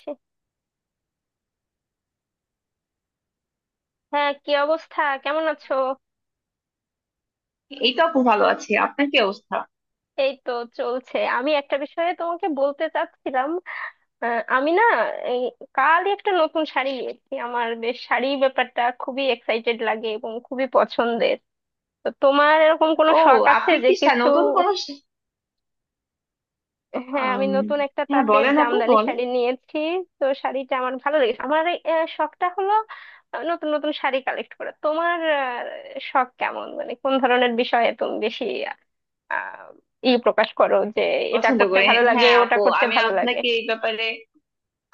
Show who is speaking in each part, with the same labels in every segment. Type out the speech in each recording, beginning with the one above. Speaker 1: ছি, হ্যাঁ কি অবস্থা? কেমন আছো?
Speaker 2: এই তো আপু, ভালো আছি। আপনার কি অবস্থা?
Speaker 1: এই তো চলছে। আমি একটা বিষয়ে তোমাকে বলতে চাচ্ছিলাম। আমি না এই কালই একটা নতুন শাড়ি নিয়েছি। আমার বেশ, শাড়ি ব্যাপারটা খুবই এক্সাইটেড লাগে এবং খুবই পছন্দের। তো তোমার এরকম কোনো
Speaker 2: ও,
Speaker 1: শখ আছে
Speaker 2: আপনি
Speaker 1: যে
Speaker 2: কি
Speaker 1: কিছু?
Speaker 2: নতুন কোন
Speaker 1: হ্যাঁ, আমি
Speaker 2: আম,
Speaker 1: নতুন একটা
Speaker 2: হ্যাঁ,
Speaker 1: তাঁতের
Speaker 2: বলেন আপু,
Speaker 1: জামদানি
Speaker 2: বলেন।
Speaker 1: শাড়ি নিয়েছি। তো শাড়িটা আমার ভালো লেগেছে। আমার শখটা হলো নতুন নতুন শাড়ি কালেক্ট করা। তোমার শখ কেমন? মানে কোন ধরনের বিষয়ে তুমি বেশি আহ ই প্রকাশ করো যে এটা
Speaker 2: পছন্দ
Speaker 1: করতে
Speaker 2: করে।
Speaker 1: ভালো লাগে,
Speaker 2: হ্যাঁ
Speaker 1: ওটা
Speaker 2: আপু,
Speaker 1: করতে
Speaker 2: আমি
Speaker 1: ভালো লাগে?
Speaker 2: আপনাকে এই ব্যাপারে,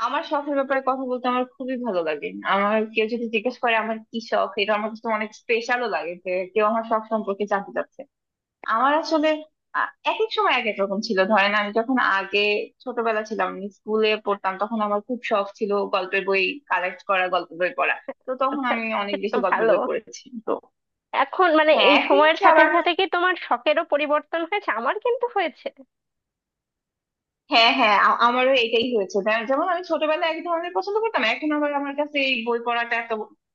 Speaker 2: আমার শখের ব্যাপারে কথা বলতে আমার খুবই ভালো লাগে। আমার কেউ যদি জিজ্ঞেস করে আমার কি শখ, এটা আমার কাছে অনেক স্পেশালও লাগে যে কেউ আমার শখ সম্পর্কে জানতে চাচ্ছে। আমার আসলে আ- এক এক সময় এক এক রকম ছিল। ধরেন, আমি যখন আগে ছোটবেলা ছিলাম, আমি স্কুলে পড়তাম, তখন আমার খুব শখ ছিল গল্পের বই কালেক্ট করা, গল্পের বই পড়া। তো তখন
Speaker 1: আচ্ছা,
Speaker 2: আমি অনেক
Speaker 1: সেটা তো
Speaker 2: বেশি গল্পের
Speaker 1: ভালো।
Speaker 2: বই পড়েছি। তো
Speaker 1: এখন মানে
Speaker 2: হ্যাঁ,
Speaker 1: এই
Speaker 2: এখন
Speaker 1: সময়ের
Speaker 2: হচ্ছে
Speaker 1: সাথে
Speaker 2: আবার।
Speaker 1: সাথে কি তোমার শখেরও পরিবর্তন হয়েছে? আমার কিন্তু হয়েছে।
Speaker 2: হ্যাঁ হ্যাঁ, আমারও এটাই হয়েছে যে- যেমন আমি ছোটবেলায় এক ধরনের পছন্দ করতাম, এখন আবার আমার কাছে এই বই পড়াটা এত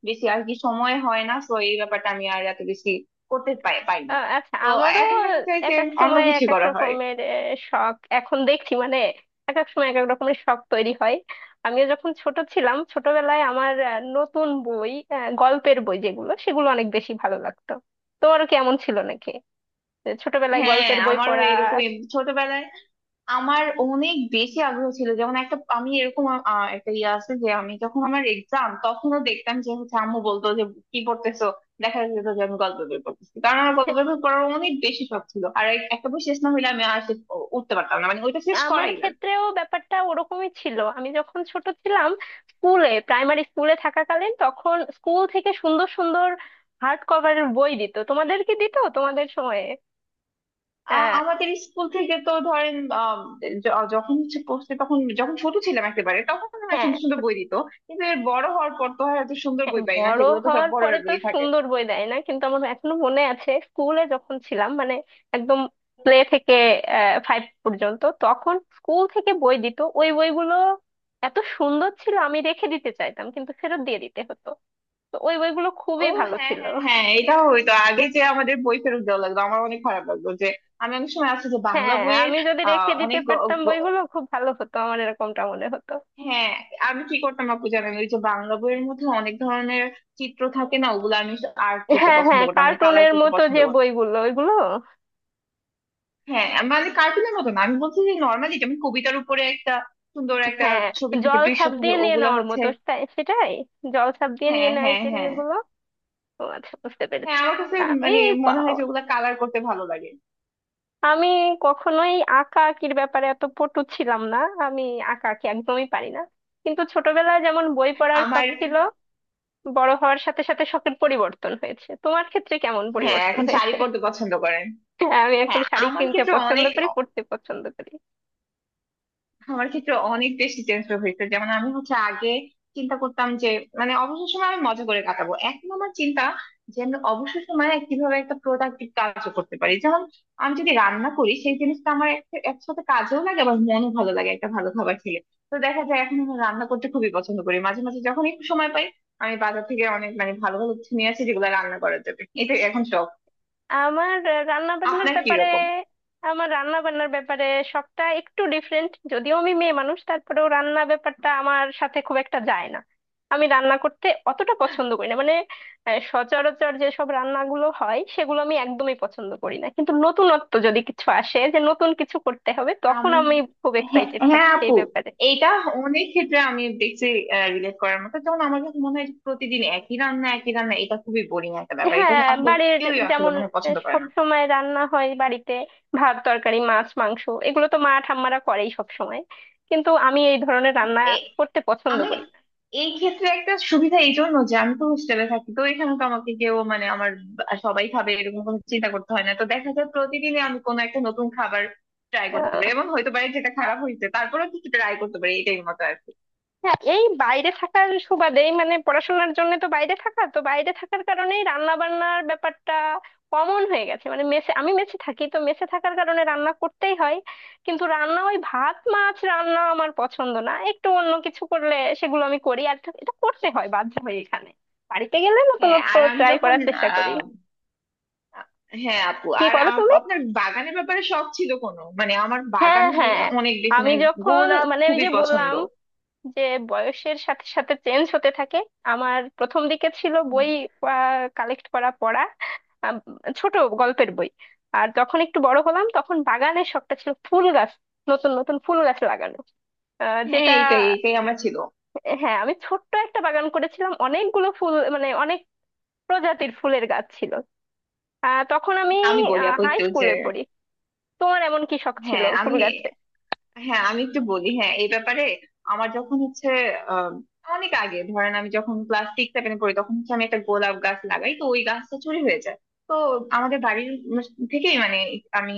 Speaker 2: বেশি আর কি সময় হয় না। তো এই ব্যাপারটা আমি আর এত বেশি করতে পাই পাই না।
Speaker 1: আচ্ছা,
Speaker 2: তো
Speaker 1: আমারও
Speaker 2: এখন দেখা যায়
Speaker 1: এক
Speaker 2: যে
Speaker 1: এক
Speaker 2: অন্য
Speaker 1: সময়
Speaker 2: কিছু
Speaker 1: এক এক
Speaker 2: করা হয়।
Speaker 1: রকমের শখ, এখন দেখছি মানে এক এক সময় এক এক রকমের শখ তৈরি হয়। আমিও যখন ছোট ছিলাম, ছোটবেলায় আমার নতুন বই, গল্পের বই যেগুলো, সেগুলো অনেক বেশি ভালো লাগতো। তোমারও কি এমন ছিল নাকি যে ছোটবেলায়
Speaker 2: হ্যাঁ,
Speaker 1: গল্পের বই
Speaker 2: আমারও
Speaker 1: পড়া?
Speaker 2: এরকমই। ছোটবেলায় আমার অনেক বেশি আগ্রহ ছিল। যেমন একটা আমি এরকম একটা ইয়ে আছে যে আমি যখন আমার এক্সাম, তখনও দেখতাম যে হচ্ছে আম্মু বলতো যে কি পড়তেছো, দেখা যেত যে আমি গল্পের বই পড়তেছি। কারণ আমার গল্পের বই পড়ার অনেক বেশি শখ ছিল। আর একটা বই শেষ না হলে আমি আর শেষ উঠতে পারতাম না, মানে ওইটা শেষ
Speaker 1: আমার
Speaker 2: করাই লাগবে।
Speaker 1: ক্ষেত্রেও ব্যাপারটা ওরকমই ছিল। আমি যখন ছোট ছিলাম স্কুলে, প্রাইমারি স্কুলে থাকাকালীন, তখন স্কুল থেকে সুন্দর সুন্দর হার্ড কভারের বই দিত। তোমাদের কি দিত তোমাদের সময়ে? আহ,
Speaker 2: আমাদের স্কুল থেকে তো ধরেন, আম, যখন হচ্ছে পড়তে, তখন যখন ছোট ছিলাম একেবারে, তখন না
Speaker 1: হ্যাঁ,
Speaker 2: সুন্দর সুন্দর বই দিত। কিন্তু এর বড় হওয়ার পর তো আর এত সুন্দর
Speaker 1: হ্যাঁ,
Speaker 2: বই পাই না,
Speaker 1: বড়
Speaker 2: সেগুলো তো সব
Speaker 1: হওয়ার
Speaker 2: বড়
Speaker 1: পরে তো
Speaker 2: বই থাকে।
Speaker 1: সুন্দর বই দেয় না, কিন্তু আমার এখনো মনে আছে স্কুলে যখন ছিলাম, মানে একদম প্লে থেকে ফাইভ পর্যন্ত, তখন স্কুল থেকে বই দিত। ওই বইগুলো এত সুন্দর ছিল, আমি রেখে দিতে চাইতাম, কিন্তু ফেরত দিয়ে দিতে হতো। তো ওই বইগুলো
Speaker 2: ও,
Speaker 1: খুবই ভালো
Speaker 2: হ্যাঁ
Speaker 1: ছিল।
Speaker 2: হ্যাঁ হ্যাঁ, এটা হইতো আগে যে আমাদের বই ফেরত দেওয়া লাগতো। আমার অনেক খারাপ লাগতো যে আমি অনেক সময় আছে যে বাংলা
Speaker 1: হ্যাঁ,
Speaker 2: বইয়ের
Speaker 1: আমি যদি রেখে দিতে
Speaker 2: অনেক
Speaker 1: পারতাম
Speaker 2: গ-
Speaker 1: বইগুলো, খুব ভালো হতো, আমার এরকমটা মনে হতো।
Speaker 2: হ্যাঁ, আমি কি করতাম আপু জানেন? ওই যে বাংলা বইয়ের মধ্যে অনেক ধরনের চিত্র থাকে না, ওগুলো আমি আর্ট করতে
Speaker 1: হ্যাঁ
Speaker 2: পছন্দ
Speaker 1: হ্যাঁ,
Speaker 2: করতাম, মানে কালার
Speaker 1: কার্টুনের
Speaker 2: করতে
Speaker 1: মতো
Speaker 2: পছন্দ
Speaker 1: যে
Speaker 2: করতাম।
Speaker 1: বইগুলো, ওইগুলো।
Speaker 2: হ্যাঁ মানে কার্টুনের মতো না, আমি বলছি যে নর্মালি যেমন কবিতার উপরে একটা সুন্দর একটা
Speaker 1: হ্যাঁ,
Speaker 2: ছবি থাকে,
Speaker 1: জল
Speaker 2: দৃশ্য
Speaker 1: ছাপ
Speaker 2: থাকে,
Speaker 1: দিয়ে নিয়ে
Speaker 2: ওগুলা
Speaker 1: নেওয়ার
Speaker 2: হচ্ছে
Speaker 1: মতো, সেটাই, জল ছাপ দিয়ে নিয়ে
Speaker 2: হ্যাঁ
Speaker 1: নেয়
Speaker 2: হ্যাঁ
Speaker 1: যে
Speaker 2: হ্যাঁ
Speaker 1: এগুলো। ও আচ্ছা, বুঝতে পেরেছি।
Speaker 2: হ্যাঁ, আমার কাছে
Speaker 1: আমি
Speaker 2: মানে মনে
Speaker 1: পা-
Speaker 2: হয় যে ওগুলা কালার করতে ভালো লাগে।
Speaker 1: আমি কখনোই আঁকা আঁকির ব্যাপারে এত পটু ছিলাম না। আমি আঁকা আঁকি একদমই পারি না। কিন্তু ছোটবেলায় যেমন বই পড়ার শখ
Speaker 2: আমার
Speaker 1: ছিল, বড় হওয়ার সাথে সাথে শখের পরিবর্তন হয়েছে। তোমার ক্ষেত্রে কেমন
Speaker 2: হ্যাঁ,
Speaker 1: পরিবর্তন
Speaker 2: এখন শাড়ি
Speaker 1: হয়েছে?
Speaker 2: পরতে পছন্দ করে।
Speaker 1: হ্যাঁ, আমি এখন
Speaker 2: হ্যাঁ,
Speaker 1: শাড়ি
Speaker 2: আমার
Speaker 1: কিনতে
Speaker 2: ক্ষেত্রে
Speaker 1: পছন্দ
Speaker 2: অনেক,
Speaker 1: করি, পরতে পছন্দ করি।
Speaker 2: আমার ক্ষেত্রে অনেক বেশি টেনশন হয়েছে। যেমন আমি হচ্ছে আগে চিন্তা করতাম যে মানে অবসর সময় আমি মজা করে কাটাবো, এখন আমার চিন্তা যে আমি অবসর সময় কিভাবে একটা প্রোডাক্টিভ কাজও করতে পারি। যেমন আমি যদি রান্না করি সেই জিনিসটা আমার একসাথে কাজেও লাগে, আবার মনও ভালো লাগে একটা ভালো খাবার খেলে। তো দেখা যায় এখন আমি রান্না করতে খুবই পছন্দ করি। মাঝে মাঝে যখন একটু সময় পাই আমি বাজার থেকে অনেক মানে ভালো ভালো কিছু নিয়ে আসি যেগুলো রান্না করা যাবে। এটা এখন শখ।
Speaker 1: আমার রান্না বান্নার
Speaker 2: আপনার কি
Speaker 1: ব্যাপারে
Speaker 2: রকম?
Speaker 1: আমার রান্না বান্নার ব্যাপারে সবটা একটু ডিফারেন্ট। যদিও আমি মেয়ে মানুষ, তারপরেও রান্না ব্যাপারটা আমার সাথে খুব একটা যায় না। আমি রান্না করতে অতটা পছন্দ করি না। মানে সচরাচর যেসব রান্নাগুলো হয় সেগুলো আমি একদমই পছন্দ করি না, কিন্তু নতুনত্ব যদি কিছু আসে যে নতুন কিছু করতে হবে,
Speaker 2: আম,
Speaker 1: তখন আমি খুব
Speaker 2: হ্যাঁ
Speaker 1: এক্সাইটেড
Speaker 2: হ্যাঁ
Speaker 1: থাকি সেই
Speaker 2: আপু,
Speaker 1: ব্যাপারে।
Speaker 2: এটা অনেক ক্ষেত্রে আমি দেখছি রিলেট করার মতো। যেমন আমার কাছে মনে হয় যে প্রতিদিন একই রান্না একই রান্না, এটা খুবই বোরিং একটা ব্যাপার। এটা
Speaker 1: হ্যাঁ,
Speaker 2: আসলে
Speaker 1: বাড়ির
Speaker 2: কেউই আসলে
Speaker 1: যেমন
Speaker 2: মনে হয় পছন্দ করে
Speaker 1: সব
Speaker 2: না।
Speaker 1: সময় রান্না হয় বাড়িতে, ভাত তরকারি মাছ মাংস, এগুলো তো মা ঠাম্মারা করেই সব সময়। কিন্তু আমি এই ধরনের রান্না
Speaker 2: এ-
Speaker 1: করতে পছন্দ
Speaker 2: আমি
Speaker 1: করি
Speaker 2: এই ক্ষেত্রে একটা সুবিধা এই জন্য যে আমি তো হোস্টেলে থাকি, তো এখানে তো আমাকে কেউ মানে আমার সবাই খাবে এরকম কোনো চিন্তা করতে হয় না। তো দেখা যায় প্রতিদিনই আমি কোনো একটা নতুন খাবার ট্রাই করতে
Speaker 1: না।
Speaker 2: পারি এবং হয়তো পারে যেটা খারাপ হয়েছে তারপরেও কিছু ট্রাই করতে পারি। এটাই মতো আর কি।
Speaker 1: হ্যাঁ, এই বাইরে থাকার সুবাদেই মানে পড়াশোনার জন্য তো বাইরে থাকা, তো বাইরে থাকার কারণেই রান্না বান্নার ব্যাপারটা কমন হয়ে গেছে। মানে মেসে, আমি মেসে থাকি, তো মেসে থাকার কারণে রান্না করতেই হয়। কিন্তু রান্না ওই ভাত মাছ রান্না আমার পছন্দ না, একটু অন্য কিছু করলে সেগুলো আমি করি। আর এটা করতে হয় বাধ্য হয়ে এখানে, বাড়িতে গেলে
Speaker 2: হ্যাঁ,
Speaker 1: নতুনত্ব
Speaker 2: আর আমি
Speaker 1: ট্রাই
Speaker 2: যখন
Speaker 1: করার চেষ্টা করি।
Speaker 2: আ- হ্যাঁ আপু,
Speaker 1: কি
Speaker 2: আর
Speaker 1: করো তুমি?
Speaker 2: আপনার বাগানের ব্যাপারে শখ ছিল কোনো? মানে আমার
Speaker 1: হ্যাঁ
Speaker 2: বাগান
Speaker 1: হ্যাঁ,
Speaker 2: অনেক বেশি
Speaker 1: আমি
Speaker 2: মানে
Speaker 1: যখন
Speaker 2: গোলাপ
Speaker 1: মানে ওই
Speaker 2: খুবই
Speaker 1: যে
Speaker 2: পছন্দ।
Speaker 1: বললাম যে বয়সের সাথে সাথে চেঞ্জ হতে থাকে। আমার প্রথম দিকে ছিল বই
Speaker 2: হুম।
Speaker 1: কালেক্ট করা, পড়া, আম, ছোট গল্পের বই। আর যখন একটু বড় হলাম তখন বাগানের শখটা ছিল, ফুল গাছ, নতুন নতুন ফুল গাছ লাগানো।
Speaker 2: হ্যাঁ,
Speaker 1: যেটা,
Speaker 2: এইটাই এইটাই আমার ছিল।
Speaker 1: হ্যাঁ, আমি ছোট্ট একটা বাগান করেছিলাম, অনেকগুলো ফুল, মানে অনেক প্রজাতির ফুলের গাছ ছিল। তখন আমি
Speaker 2: আমি বলি আপু
Speaker 1: হাই
Speaker 2: একটু যে,
Speaker 1: স্কুলে পড়ি। তোমার এমন কি শখ ছিল
Speaker 2: হ্যাঁ
Speaker 1: ফুল
Speaker 2: আমি,
Speaker 1: গাছের?
Speaker 2: হ্যাঁ আমি একটু বলি, হ্যাঁ এই ব্যাপারে। আমার যখন হচ্ছে আম, অনেক আগে, ধরেন আমি যখন ক্লাস সিক্স সেভেনে পড়ি তখন হচ্ছে আমি একটা গোলাপ গাছ লাগাই, তো ওই গাছটা চুরি হয়ে যায়। তো আমাদের বাড়ির থেকেই, মানে আমি,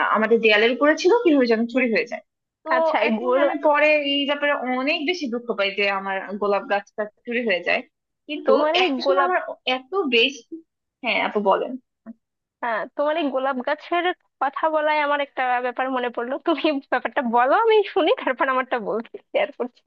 Speaker 2: আমাদের দেয়ালের উপরে ছিল, কিভাবে যেন
Speaker 1: হুম।
Speaker 2: চুরি হয়ে যায়। তো
Speaker 1: আচ্ছা এই
Speaker 2: এখন
Speaker 1: গোল
Speaker 2: আমি পরে এই ব্যাপারে অনেক বেশি দুঃখ পাই যে আমার গোলাপ গাছটা চুরি হয়ে যায়। কিন্তু
Speaker 1: তোমার এই
Speaker 2: একটা সময়
Speaker 1: গোলাপ,
Speaker 2: আমার এত বেশি হ্যাঁ আপু বলেন।
Speaker 1: হ্যাঁ তোমার এই গোলাপ গাছের কথা বলায় আমার একটা ব্যাপার মনে পড়লো। তুমি ব্যাপারটা বলো, আমি শুনি, তারপর আমারটা বলছি, শেয়ার করছি।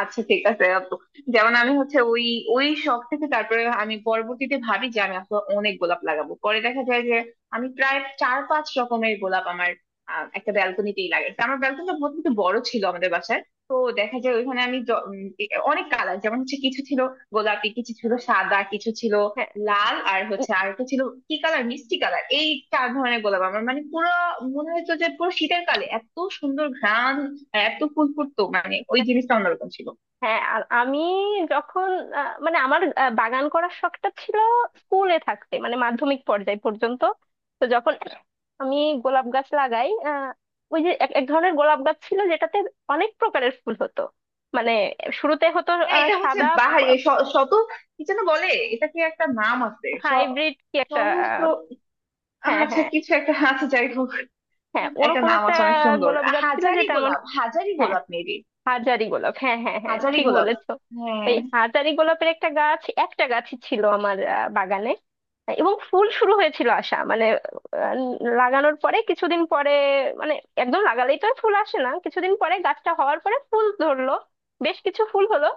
Speaker 2: আচ্ছা ঠিক আছে আপু। যেমন আমি হচ্ছে ওই ওই শখ থেকে তারপরে আমি পরবর্তীতে ভাবি যে আমি আসলে অনেক গোলাপ লাগাবো। পরে দেখা যায় যে আমি প্রায় চার পাঁচ রকমের গোলাপ আমার একটা ব্যালকনিতেই লাগাইছি। আমার ব্যালকনিটা বহুত কিন্তু বড় ছিল আমাদের বাসায়। তো দেখা যায় ওইখানে আমি অনেক কালার, যেমন হচ্ছে কিছু ছিল গোলাপি, কিছু ছিল সাদা, কিছু ছিল
Speaker 1: হ্যাঁ,
Speaker 2: লাল, আর হচ্ছে
Speaker 1: ই-
Speaker 2: আর একটা ছিল কি কালার, মিষ্টি কালার। এই চার ধরনের গোলাপ আমার মানে পুরো মনে হতো যে পুরো শীতের কালে এত সুন্দর ঘ্রাণ আর এত ফুল ফুটতো, মানে ওই জিনিসটা অন্যরকম ছিল।
Speaker 1: হ্যাঁ, আর আমি যখন মানে আমার বাগান করার শখটা ছিল স্কুলে থাকতে, মানে মাধ্যমিক পর্যায় পর্যন্ত। তো যখন আমি গোলাপ গাছ লাগাই, ওই যে এক এক ধরনের গোলাপ গাছ ছিল যেটাতে অনেক প্রকারের ফুল হতো। মানে শুরুতে হতো
Speaker 2: হ্যাঁ, এটা হচ্ছে
Speaker 1: সাদা।
Speaker 2: বাহারি, এই শত, কি যেন বলে, এটাকে একটা নাম আছে
Speaker 1: হাইব্রিড কি একটা
Speaker 2: সহস্র।
Speaker 1: আহ, হ্যাঁ
Speaker 2: আচ্ছা,
Speaker 1: হ্যাঁ
Speaker 2: কিছু একটা আছে, যাই হোক,
Speaker 1: হ্যাঁ,
Speaker 2: একটা
Speaker 1: ওরকম
Speaker 2: নাম
Speaker 1: একটা
Speaker 2: আছে অনেক সুন্দর।
Speaker 1: গোলাপ গাছ ছিল
Speaker 2: হাজারি
Speaker 1: যেটা আমার,
Speaker 2: গোলাপ, হাজারি
Speaker 1: হ্যাঁ
Speaker 2: গোলাপ মেবি।
Speaker 1: হাজারি গোলাপ, হ্যাঁ হ্যাঁ হ্যাঁ,
Speaker 2: হাজারি
Speaker 1: ঠিক
Speaker 2: গোলাপ।
Speaker 1: বলেছো।
Speaker 2: হ্যাঁ।
Speaker 1: ওই হাজারি গোলাপের একটা গাছ, একটা গাছই ছিল আমার বাগানে। এবং ফুল শুরু হয়েছিল আসা, মানে আহ, লাগানোর পরে কিছুদিন পরে, মানে একদম লাগালেই তো আর ফুল আসে না, কিছুদিন পরে গাছটা হওয়ার পরে ফুল ধরলো, বেশ কিছু ফুল হলো।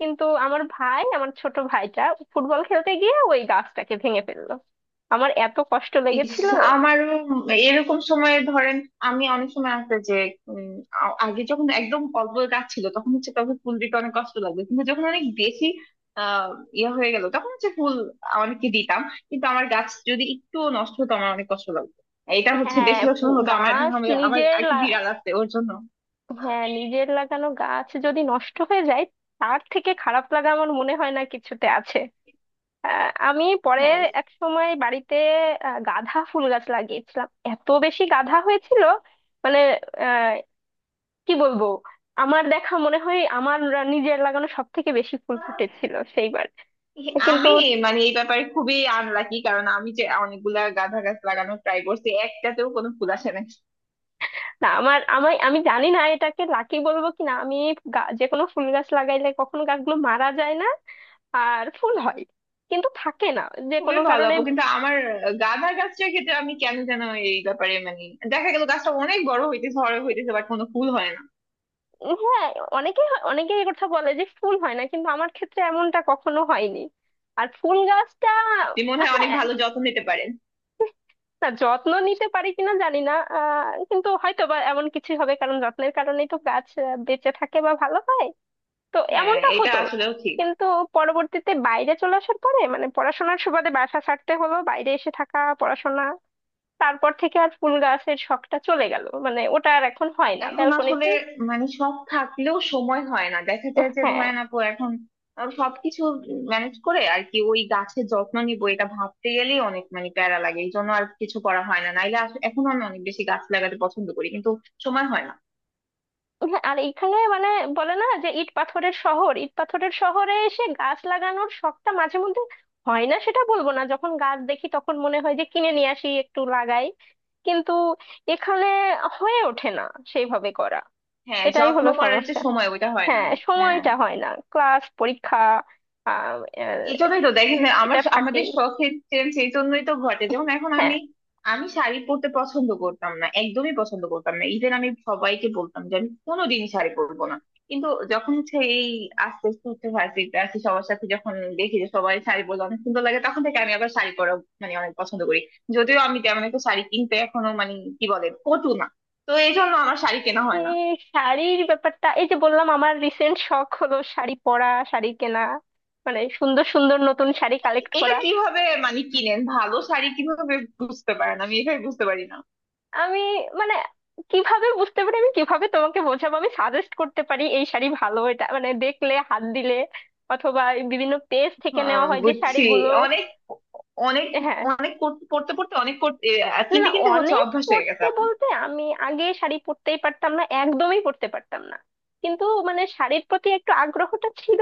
Speaker 1: কিন্তু আমার ভাই, আমার ছোট ভাইটা ফুটবল খেলতে গিয়ে ওই গাছটাকে ভেঙে ফেললো। আমার এত কষ্ট
Speaker 2: ইস,
Speaker 1: লেগেছিল।
Speaker 2: আমারও এরকম সময়ে, ধরেন আমি অনেক সময় আসতে যে উম, আগে যখন একদম অল্প গাছ ছিল তখন হচ্ছে তবে ফুল দিতে অনেক কষ্ট লাগতো। কিন্তু যখন অনেক বেশি আহ ইয়ে হয়ে গেল তখন হচ্ছে ফুল অনেককে দিতাম। কিন্তু আমার গাছ যদি একটু নষ্ট হতো আমার অনেক কষ্ট লাগতো। এটা হচ্ছে
Speaker 1: হ্যাঁ
Speaker 2: বেশিরভাগ সময়
Speaker 1: পু-
Speaker 2: হতো আমার। এখন
Speaker 1: গাছ
Speaker 2: আমি- আমার
Speaker 1: নিজের
Speaker 2: একটা
Speaker 1: লা-
Speaker 2: বিড়াল আছে ওর জন্য।
Speaker 1: হ্যাঁ, নিজের লাগানো গাছ যদি নষ্ট হয়ে যায়, তার থেকে খারাপ লাগা আমার মনে হয় না কিছুতে আছে। আমি পরে
Speaker 2: হ্যাঁ,
Speaker 1: এক সময় বাড়িতে গাঁদা ফুল গাছ লাগিয়েছিলাম। এত বেশি গাঁদা হয়েছিল মানে, আহ, কি বলবো, আমার দেখা মনে হয় আমার নিজের লাগানো সব থেকে বেশি ফুল ফুটেছিল সেইবার। কিন্তু
Speaker 2: আমি মানে এই ব্যাপারে খুবই আনলাকি, কারণ আমি যে অনেকগুলা গাঁদা গাছ লাগানোর ট্রাই করছি একটাতেও কোনো ফুল আসে না।
Speaker 1: না, আমার, আমি আমি জানি না এটাকে লাকি বলবো কিনা, আমি যে কোনো ফুল গাছ লাগাইলে কখনো গাছগুলো মারা যায় না, আর ফুল হয় কিন্তু থাকে না, যে
Speaker 2: খুবই
Speaker 1: কোনো
Speaker 2: ভালো
Speaker 1: কারণে।
Speaker 2: আপু, কিন্তু আমার গাঁদা গাছটার ক্ষেত্রে আমি কেন যেন এই ব্যাপারে মানে দেখা গেল গাছটা অনেক বড় হইতেছে বড় হইতেছে বাট কোনো ফুল হয় না।
Speaker 1: হ্যাঁ, অনেকে অনেকে এই কথা বলে যে ফুল হয় না, কিন্তু আমার ক্ষেত্রে এমনটা কখনো হয়নি। আর ফুল গাছটা,
Speaker 2: আপনি মনে হয় অনেক
Speaker 1: হ্যাঁ,
Speaker 2: ভালো যত্ন নিতে পারেন।
Speaker 1: না যত্ন নিতে পারি কিনা জানি না কিন্তু হয়তো বা এমন কিছু হবে, কারণ যত্নের কারণেই তো গাছ বেঁচে থাকে বা ভালো হয়, তো
Speaker 2: হ্যাঁ,
Speaker 1: এমনটা
Speaker 2: এটা
Speaker 1: হতো।
Speaker 2: আসলেও ঠিক।
Speaker 1: কিন্তু পরবর্তীতে বাইরে চলে আসার পরে, মানে পড়াশোনার সুবাদে বাসা ছাড়তে হলো, বাইরে এসে থাকা, পড়াশোনা, তারপর থেকে আর ফুল গাছের শখটা চলে গেল। মানে ওটা আর এখন হয় না
Speaker 2: এখন আসলে
Speaker 1: ব্যালকনিতে।
Speaker 2: মানে সব থাকলেও সময় হয় না, দেখা যায় যে
Speaker 1: হ্যাঁ,
Speaker 2: ধরেন আপু, এখন সবকিছু ম্যানেজ করে আর কি ওই গাছের যত্ন নিব এটা ভাবতে গেলেই অনেক মানে প্যারা লাগে। এই জন্য আর কিছু করা হয় না, নাইলে এখন আমি অনেক বেশি গাছ লাগাতে পছন্দ করি কিন্তু সময় হয় না।
Speaker 1: হ্যাঁ, আর এখানে মানে বলে না যে ইট পাথরের শহর? ইট পাথরের শহরে এসে গাছ লাগানোর শখটা মাঝে মধ্যে হয় না সেটা বলবো না, যখন গাছ দেখি তখন মনে হয় যে কিনে নিয়ে আসি একটু লাগাই, কিন্তু এখানে হয়ে ওঠে না সেইভাবে করা।
Speaker 2: হ্যাঁ,
Speaker 1: এটাই
Speaker 2: যত্ন
Speaker 1: হলো
Speaker 2: করার যে
Speaker 1: সমস্যা।
Speaker 2: সময় ওইটা হয় না।
Speaker 1: হ্যাঁ,
Speaker 2: হ্যাঁ,
Speaker 1: সময়টা হয় না, ক্লাস পরীক্ষা আহ,
Speaker 2: এই
Speaker 1: আহ,
Speaker 2: জন্যই তো দেখেন আমার
Speaker 1: এটা
Speaker 2: আমাদের
Speaker 1: থাকেই।
Speaker 2: শখের চেঞ্জ এই জন্যই তো ঘটে। যেমন এখন
Speaker 1: হ্যাঁ,
Speaker 2: আমি, আমি শাড়ি পরতে পছন্দ করতাম না, একদমই পছন্দ করতাম না। ইভেন আমি সবাইকে বলতাম যে আমি কোনোদিনই শাড়ি পরবো না। কিন্তু যখন হচ্ছে এই আস্তে আস্তে হচ্ছে ভার্সিটিতে আসি, সবার সাথে যখন দেখি যে সবাই শাড়ি পরলে অনেক সুন্দর লাগে, তখন থেকে আমি আবার শাড়ি পরা মানে অনেক পছন্দ করি। যদিও আমি তেমন একটা শাড়ি কিনতে এখনো মানে কি বলে পটু না। তো এই জন্য আমার শাড়ি কেনা
Speaker 1: এ,
Speaker 2: হয় না।
Speaker 1: শাড়ির ব্যাপারটা এই যে বললাম, আমার রিসেন্ট শখ হলো শাড়ি পরা, শাড়ি কেনা, মানে সুন্দর সুন্দর নতুন শাড়ি কালেক্ট
Speaker 2: এটা
Speaker 1: করা।
Speaker 2: কিভাবে মানে কিনেন, ভালো শাড়ি কিভাবে বুঝতে পারেন, আমি এটাই বুঝতে পারি না।
Speaker 1: আমি মানে কিভাবে বুঝতে পারি, আমি কিভাবে তোমাকে বোঝাবো, আমি সাজেস্ট করতে পারি এই শাড়ি ভালো, এটা মানে দেখলে, হাত দিলে, অথবা এই বিভিন্ন পেজ থেকে
Speaker 2: আহ,
Speaker 1: নেওয়া হয় যে
Speaker 2: বুঝছি।
Speaker 1: শাড়িগুলো।
Speaker 2: অনেক অনেক
Speaker 1: হ্যাঁ,
Speaker 2: অনেক পড়তে পড়তে পড়তে অনেক করতে,
Speaker 1: না না,
Speaker 2: কিনতে কিনতে হচ্ছে
Speaker 1: অনেক
Speaker 2: অভ্যাস হয়ে গেছে
Speaker 1: পড়তে
Speaker 2: আপনার।
Speaker 1: বলতে, আমি আগে শাড়ি পরতেই পারতাম না, একদমই পরতে পারতাম না। কিন্তু মানে শাড়ির প্রতি একটু আগ্রহটা ছিল।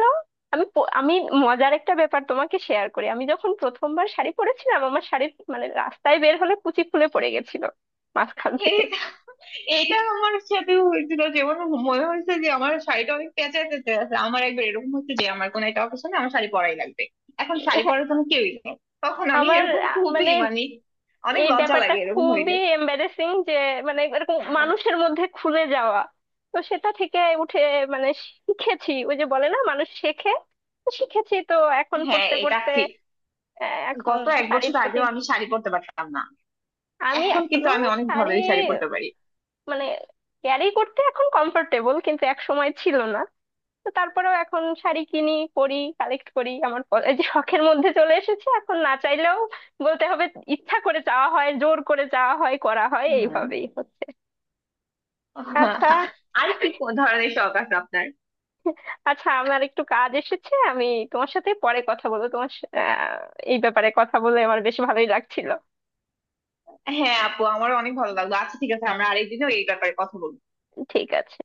Speaker 1: আমি মজার একটা ব্যাপার তোমাকে শেয়ার করি। আমি যখন প্রথমবার শাড়ি পরেছিলাম, আমার শাড়ির মানে রাস্তায় বের হলে কুচি খুলে পড়ে গেছিল মাঝখান থেকে।
Speaker 2: এটা এটা আমার সাথে হয়েছিল। যেমন মনে হয়েছে যে আমার শাড়িটা অনেক প্যাঁচা প্যাঁচা আছে। আমার একবার এরকম হচ্ছে যে আমার কোনো একটা অকেশনে আমার শাড়ি পরাই লাগবে। এখন শাড়ি
Speaker 1: হ্যাঁ,
Speaker 2: পরার কোনো কেউই নেই। তখন আমি
Speaker 1: আমার
Speaker 2: এরকম খুবই
Speaker 1: মানে
Speaker 2: মানে অনেক
Speaker 1: এই
Speaker 2: লজ্জা
Speaker 1: ব্যাপারটা
Speaker 2: লাগে এরকম হইলে।
Speaker 1: খুবই এম্বারেসিং যে মানে এরকম মানুষের মধ্যে খুলে যাওয়া। তো সেটা থেকে উঠে মানে শিখেছি, ওই যে বলে না মানুষ শেখে, তো শিখেছি তো, এখন
Speaker 2: হ্যাঁ,
Speaker 1: পড়তে
Speaker 2: এটা
Speaker 1: পড়তে
Speaker 2: ঠিক।
Speaker 1: এখন
Speaker 2: গত এক বছর
Speaker 1: শাড়ির প্রতি,
Speaker 2: আগেও আমি শাড়ি পরতে পারতাম না,
Speaker 1: আমি
Speaker 2: এখন কিন্তু
Speaker 1: এখনো
Speaker 2: আমি অনেক
Speaker 1: শাড়ি
Speaker 2: ভাবেই শাড়ি পরতে পারি।
Speaker 1: মানে ক্যারি করতে এখন কমফোর্টেবল, কিন্তু এক সময় ছিল না। তো তারপরেও এখন শাড়ি কিনি, পরি, কালেক্ট করি। এই যে শখের মধ্যে চলে এসেছে, এখন না চাইলেও বলতে হবে ইচ্ছা করে চাওয়া হয়, জোর করে চাওয়া হয়, করা হয়
Speaker 2: হম।
Speaker 1: এইভাবেই। আচ্ছা,
Speaker 2: আর কি কোন ধরনের শখ আছে আপনার?
Speaker 1: আচ্ছা আমার একটু কাজ এসেছে, আমি তোমার সাথে পরে কথা বলবো। এই ব্যাপারে কথা বলে আমার বেশ ভালোই লাগছিল।
Speaker 2: হ্যাঁ আপু, আমারও অনেক ভালো লাগলো। আচ্ছা ঠিক আছে, আমরা আরেকদিনও এই ব্যাপারে কথা বলবো।
Speaker 1: ঠিক আছে।